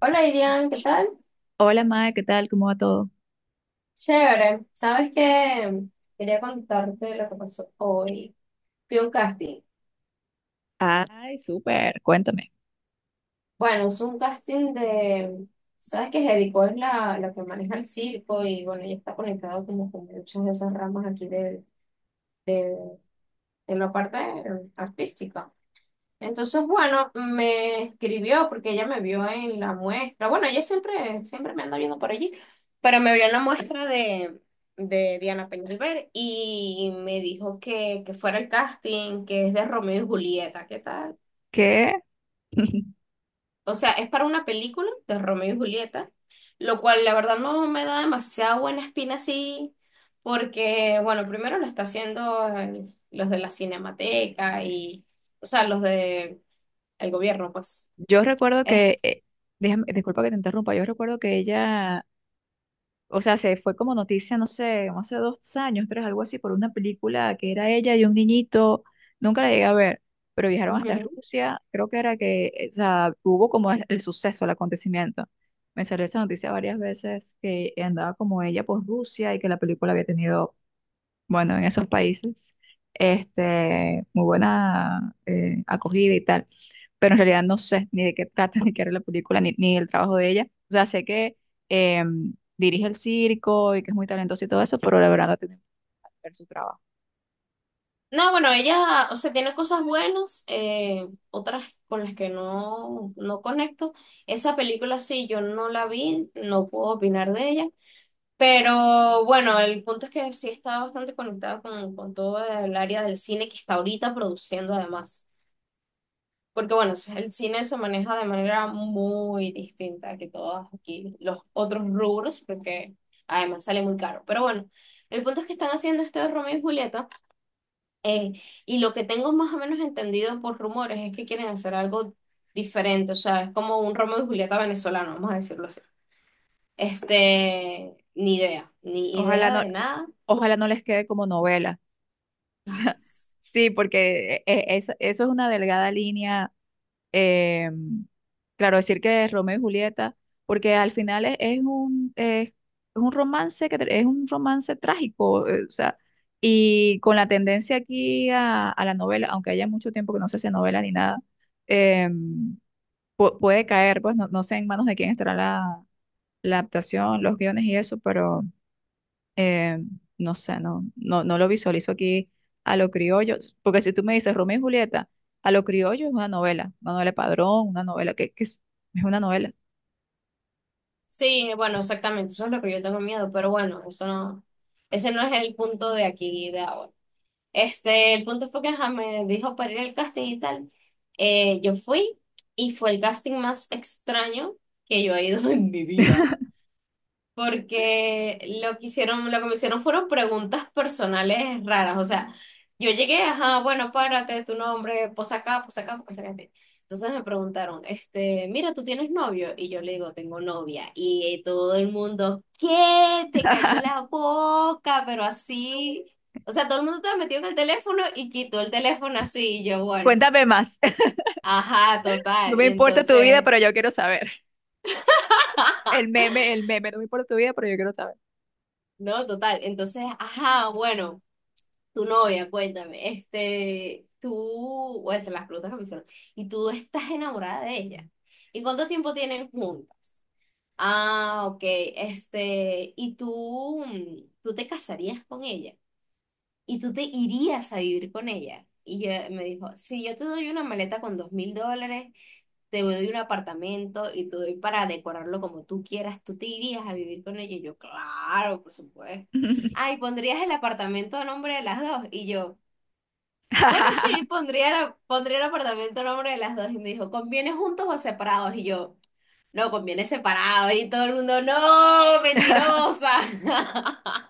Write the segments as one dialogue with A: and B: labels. A: Hola Irian, ¿qué tal?
B: Hola, Mae, ¿qué tal? ¿Cómo va todo?
A: Chévere. ¿Sabes qué? Quería contarte lo que pasó hoy. Fui a un casting.
B: Ay, súper, cuéntame.
A: Bueno, es un casting de... ¿Sabes que Jericó es la que maneja el circo y bueno, ella está conectado como con muchas de esas ramas aquí de, de la parte artística. Entonces, bueno, me escribió porque ella me vio en la muestra. Bueno, ella siempre me anda viendo por allí, pero me vio en la muestra de Diana Peñalver y me dijo que fuera el casting, que es de Romeo y Julieta, ¿qué tal?
B: ¿Qué?
A: O sea, es para una película de Romeo y Julieta, lo cual la verdad no me da demasiada buena espina así, porque, bueno, primero lo está haciendo los de la Cinemateca y, o sea, los de el gobierno, pues.
B: Yo recuerdo que, déjame, disculpa que te interrumpa, yo recuerdo que ella, o sea, se fue como noticia, no sé, como hace 2 años, tres, algo así, por una película que era ella y un niñito, nunca la llegué a ver, pero viajaron hasta
A: Ujú.
B: Rusia, creo que era que, o sea, hubo como el suceso, el acontecimiento. Me salió esa noticia varias veces que andaba como ella por Rusia y que la película había tenido bueno, en esos países, este, muy buena acogida y tal. Pero en realidad no sé ni de qué trata, ni qué era la película, ni el trabajo de ella. O sea, sé que eh, dirige el circo y que es muy talentosa y todo eso, pero la verdad no tiene que ver su trabajo.
A: No, bueno, ella, o sea, tiene cosas buenas, otras con las que no, no conecto. Esa película sí, yo no la vi, no puedo opinar de ella, pero bueno, el punto es que sí está bastante conectada con todo el área del cine que está ahorita produciendo además. Porque bueno, el cine se maneja de manera muy distinta que todos aquí los otros rubros, porque además sale muy caro. Pero bueno, el punto es que están haciendo este de Romeo y Julieta. Eh, y lo que tengo más o menos entendido por rumores es que quieren hacer algo diferente, o sea, es como un Romeo y Julieta venezolano, vamos a decirlo así. Este, ni idea, ni
B: Ojalá
A: idea
B: no,
A: de nada.
B: ojalá no les quede como novela. O
A: Ay,
B: sea, sí, porque eso es una delgada línea eh, claro, decir que es Romeo y Julieta, porque al final un romance es un romance trágico, o sea, y con la tendencia aquí a la novela, aunque haya mucho tiempo que no se hace novela ni nada, eh, puede caer, pues no sé en manos de quién estará la adaptación, los guiones y eso, eh, no sé, no lo visualizo aquí a lo criollo, porque si tú me dices Romeo y Julieta, a lo criollo es una novela de Padrón, una novela es una novela.
A: sí, bueno, exactamente, eso es lo que yo tengo miedo, pero bueno, eso no, ese no es el punto de aquí de ahora. Este, el punto fue que ajá, me dijo para ir al casting y tal. Yo fui y fue el casting más extraño que yo he ido en mi vida. Porque lo que hicieron, lo que me hicieron fueron preguntas personales raras. O sea, yo llegué, ajá, bueno, párate, tu nombre, posa acá, posa acá, posa acá. Ok. Entonces me preguntaron, este, mira, ¿tú tienes novio? Y yo le digo, tengo novia. Y todo el mundo, ¿qué? Te cayó la boca, pero así. O sea, todo el mundo estaba metido en el teléfono y quitó el teléfono así. Y yo, bueno,
B: Cuéntame más.
A: ajá,
B: No
A: total.
B: me
A: Y
B: importa tu vida,
A: entonces,
B: pero yo quiero saber. El meme, no me importa tu vida, pero yo quiero saber.
A: no, total. Entonces, ajá, bueno. Tu novia, cuéntame, este, tú, o sea, las preguntas que me hicieron, y tú estás enamorada de ella. ¿Y cuánto tiempo tienen juntas? Ah, ok, este, y tú, tú te casarías con ella, y tú te irías a vivir con ella. Y yo me dijo, si yo te doy una maleta con $2000, te doy un apartamento y te doy para decorarlo como tú quieras, ¿tú te irías a vivir con ella? Y yo, claro, por supuesto. Ay, pondrías el apartamento a nombre de las dos. Y yo, bueno, sí, pondría, pondría el apartamento a nombre de las dos. Y me dijo, ¿conviene juntos o separados? Y yo, no, conviene separados. Y todo el mundo, no, mentirosa.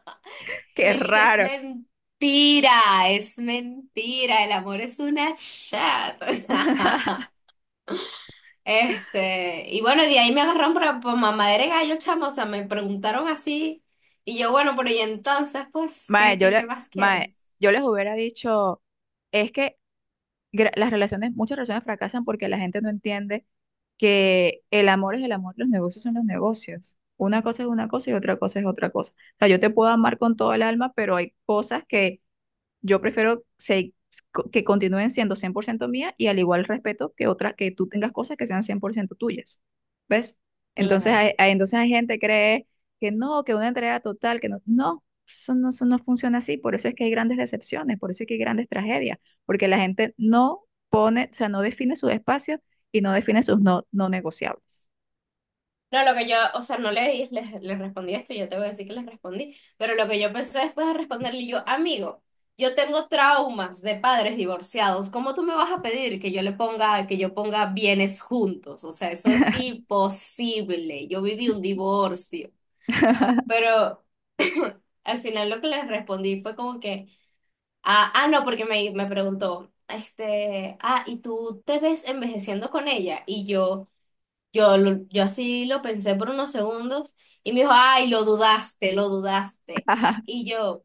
A: Y
B: Qué
A: él y que es
B: raro.
A: mentira, es mentira. El amor es una chat. Este, y bueno, de ahí me agarraron por mamadera de gallo, chamo. O sea, me preguntaron así. Y yo, bueno, pero y entonces, pues,
B: Mae,
A: ¿qué, qué, qué más quieres?
B: yo les hubiera dicho, es que muchas relaciones fracasan porque la gente no entiende que el amor es el amor, los negocios son los negocios. Una cosa es una cosa y otra cosa es otra cosa. O sea, yo te puedo amar con todo el alma, pero hay cosas que yo prefiero que continúen siendo 100% mía y al igual respeto que otras, que tú tengas cosas que sean 100% tuyas, ¿ves? Entonces
A: Claro,
B: entonces hay gente que cree que no, que una entrega total, que eso no funciona así, por eso es que hay grandes decepciones, por eso es que hay grandes tragedias, porque la gente no pone, o sea, no define sus espacios y no define sus no negociables.
A: no, lo que yo, o sea, no le, les respondí esto, yo te voy a decir que les respondí, pero lo que yo pensé después de responderle yo, amigo, yo tengo traumas de padres divorciados, ¿cómo tú me vas a pedir que yo le ponga, que yo ponga bienes juntos? O sea, eso es imposible, yo viví un divorcio, pero al final lo que les respondí fue como que, ah, ah, no, porque me preguntó, este, ah, ¿y tú te ves envejeciendo con ella? Y yo... Yo, yo así lo pensé por unos segundos y me dijo, ay, lo dudaste, lo dudaste. Y yo,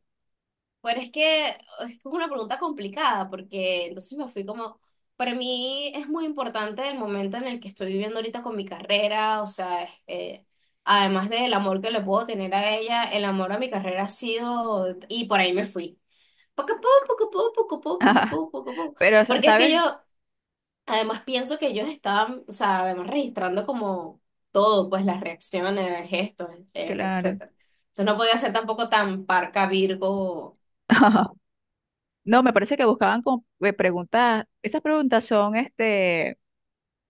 A: pero es que es como una pregunta complicada porque entonces me fui como, para mí es muy importante el momento en el que estoy viviendo ahorita con mi carrera, o sea, además del amor que le puedo tener a ella, el amor a mi carrera ha sido, y por ahí me fui. Poco a poco, poco a poco, poco a poco, poco a poco, poco a poco.
B: Pero,
A: Porque es que yo
B: ¿sabes?
A: además, pienso que ellos estaban, o sea, además registrando como todo, pues las reacciones, gestos,
B: Claro.
A: etcétera. Entonces no podía ser tampoco tan parca Virgo.
B: No, me parece que buscaban como, preguntas, esas preguntas son este,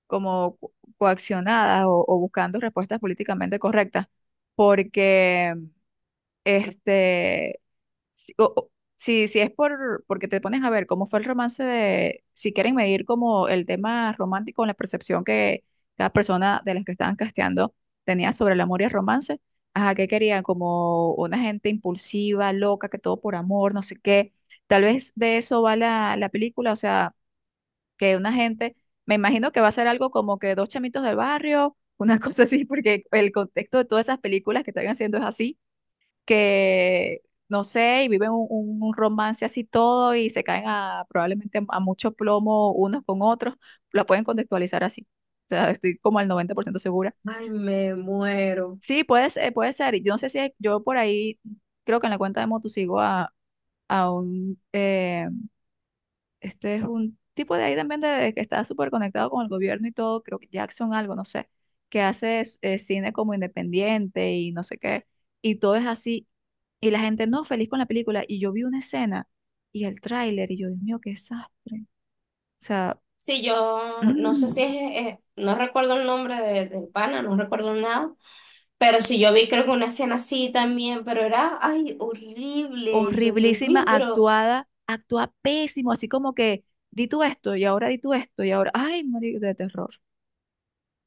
B: como coaccionadas o buscando respuestas políticamente correctas, porque este, si es porque te pones a ver cómo fue el romance de, si quieren medir como el tema romántico, la percepción que cada persona de las que estaban casteando tenía sobre el amor y el romance, ajá, que querían como una gente impulsiva, loca, que todo por amor, no sé qué. Tal vez de eso va la película, o sea, que una gente, me imagino que va a ser algo como que dos chamitos del barrio, una cosa así, porque el contexto de todas esas películas que están haciendo es así que, no sé, y viven un romance así todo y se caen a probablemente a mucho plomo unos con otros, la pueden contextualizar así. O sea, estoy como al 90% segura.
A: Ay, me muero.
B: Sí, puede ser. Y yo no sé si hay- yo por ahí, creo que en la cuenta de Motu sigo a un, este es un tipo de ahí también de que está súper conectado con el gobierno y todo, creo que Jackson algo, no sé, que hace cine como independiente y no sé qué, y todo es así, y la gente no feliz con la película, y yo vi una escena y el tráiler, y yo, Dios mío, qué desastre. O sea,
A: Sí, yo no sé si es, no recuerdo el nombre del pana, no recuerdo nada, pero sí yo vi creo que una escena así también, pero era, ay, horrible, yo, Dios
B: horriblísima,
A: mío, pero
B: actuada, actúa pésimo, así como que di tú esto, y ahora di tú esto, y ahora, ay, morir de terror.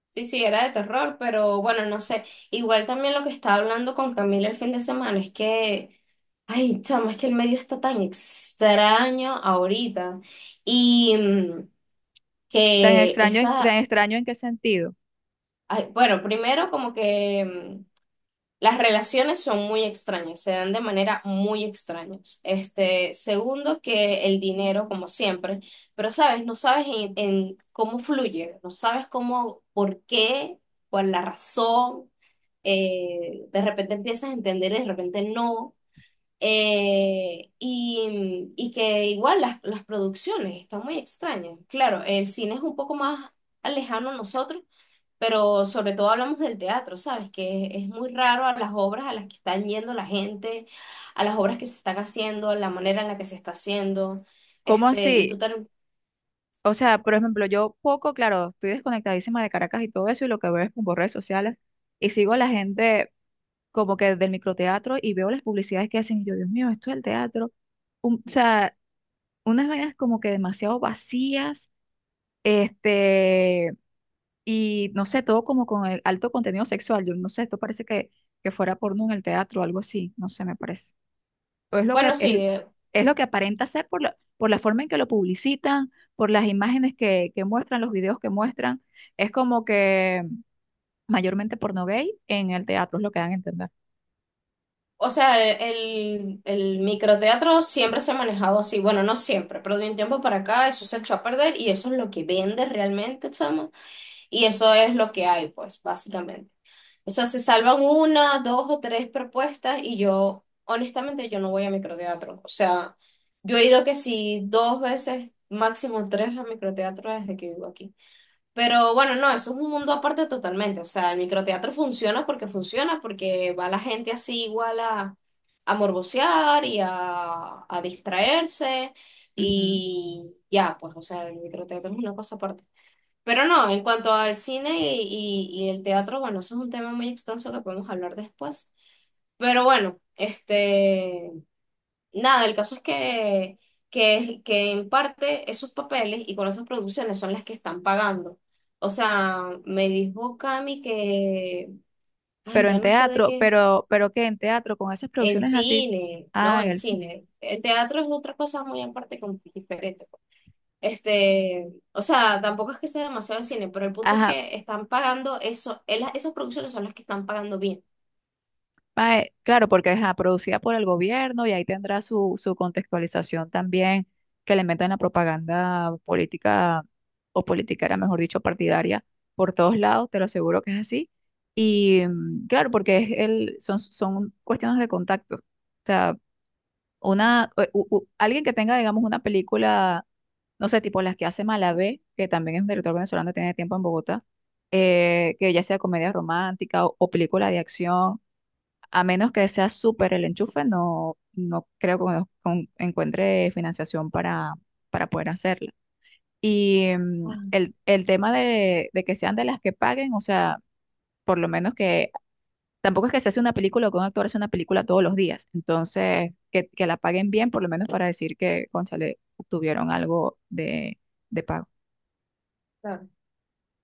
A: sí, sí, era de terror, pero bueno, no sé. Igual también lo que estaba hablando con Camila el fin de semana es que ay, chamo, es que el medio está tan extraño ahorita. Y
B: Tan
A: que
B: extraño, tan
A: esta,
B: extraño en qué sentido.
A: ay, bueno, primero como que las relaciones son muy extrañas, se dan de manera muy extraña. Este, segundo, que el dinero, como siempre, pero sabes, no sabes en cómo fluye, no sabes cómo, por qué, cuál la razón. De repente empiezas a entender y de repente no. Y, y que igual las producciones están muy extrañas. Claro, el cine es un poco más lejano a nosotros, pero sobre todo hablamos del teatro, ¿sabes? Que es muy raro a las obras a las que están yendo la gente, a las obras que se están haciendo, la manera en la que se está haciendo.
B: ¿Cómo
A: Este,
B: así? O sea, por ejemplo, yo poco, claro, estoy desconectadísima de Caracas y todo eso, y lo que veo es por redes sociales, y sigo a la gente como que del microteatro y veo las publicidades que hacen, y yo, Dios mío, esto es el teatro. O sea, unas vainas como que demasiado vacías, este, y no sé, todo como con el alto contenido sexual. Yo no sé, esto parece que fuera porno en el teatro o algo así, no sé, me parece o
A: bueno, sí,
B: es lo que aparenta ser por la forma en que lo publicitan, por las imágenes que muestran, los videos que muestran. Es como que mayormente porno gay en el teatro, es lo que dan a entender.
A: o sea, el microteatro siempre se ha manejado así. Bueno, no siempre, pero de un tiempo para acá eso se echó a perder y eso es lo que vende realmente, chama. Y eso es lo que hay, pues, básicamente. O sea, se salvan una, dos o tres propuestas y yo, honestamente, yo no voy a microteatro. O sea, yo he ido que sí dos veces, máximo tres a microteatro desde que vivo aquí. Pero bueno, no, eso es un mundo aparte totalmente. O sea, el microteatro funciona, porque va la gente así igual a morbosear y a distraerse
B: Ujú.
A: y ya, pues, o sea, el microteatro es una cosa aparte. Pero no, en cuanto al cine y, y el teatro, bueno, eso es un tema muy extenso que podemos hablar después. Pero bueno, este, nada, el caso es que en parte esos papeles y con esas producciones son las que están pagando. O sea, me dijo Cami que, ay,
B: Pero
A: ya
B: en
A: no sé de
B: teatro,
A: qué,
B: pero que en teatro, con esas
A: en
B: producciones así,
A: cine, no,
B: ah, en
A: en
B: el cine.
A: cine. El teatro es otra cosa muy aparte, como diferente. Este, o sea, tampoco es que sea demasiado de cine, pero el punto es
B: Ajá,
A: que están pagando eso, esas producciones son las que están pagando bien.
B: Mae, claro, porque es producida por el gobierno y ahí tendrá su contextualización también que le meten la propaganda política o politiquera, mejor dicho, partidaria por todos lados, te lo aseguro que es así. Y claro, porque son cuestiones de contacto. O sea, una, u- u- u- alguien que tenga, digamos, una película, no sé, tipo las que hace Malabé, que también es un director venezolano, tiene tiempo en Bogotá, que ya sea comedia romántica o película de acción a menos que sea súper el enchufe, no creo que encuentre financiación para, poder hacerla. Y
A: Ah,
B: el tema de que sean de las que paguen, o sea, por lo menos que tampoco es que se hace una película o que un actor hace una película todos los días. Entonces, que la paguen bien, por lo menos para decir que, cónchale, obtuvieron algo de pago.
A: claro.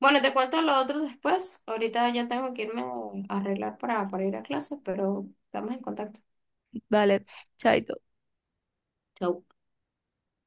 A: Bueno, te cuento lo otro después. Ahorita ya tengo que irme a arreglar para ir a clases, pero estamos en contacto.
B: Vale, chaito.
A: Chau.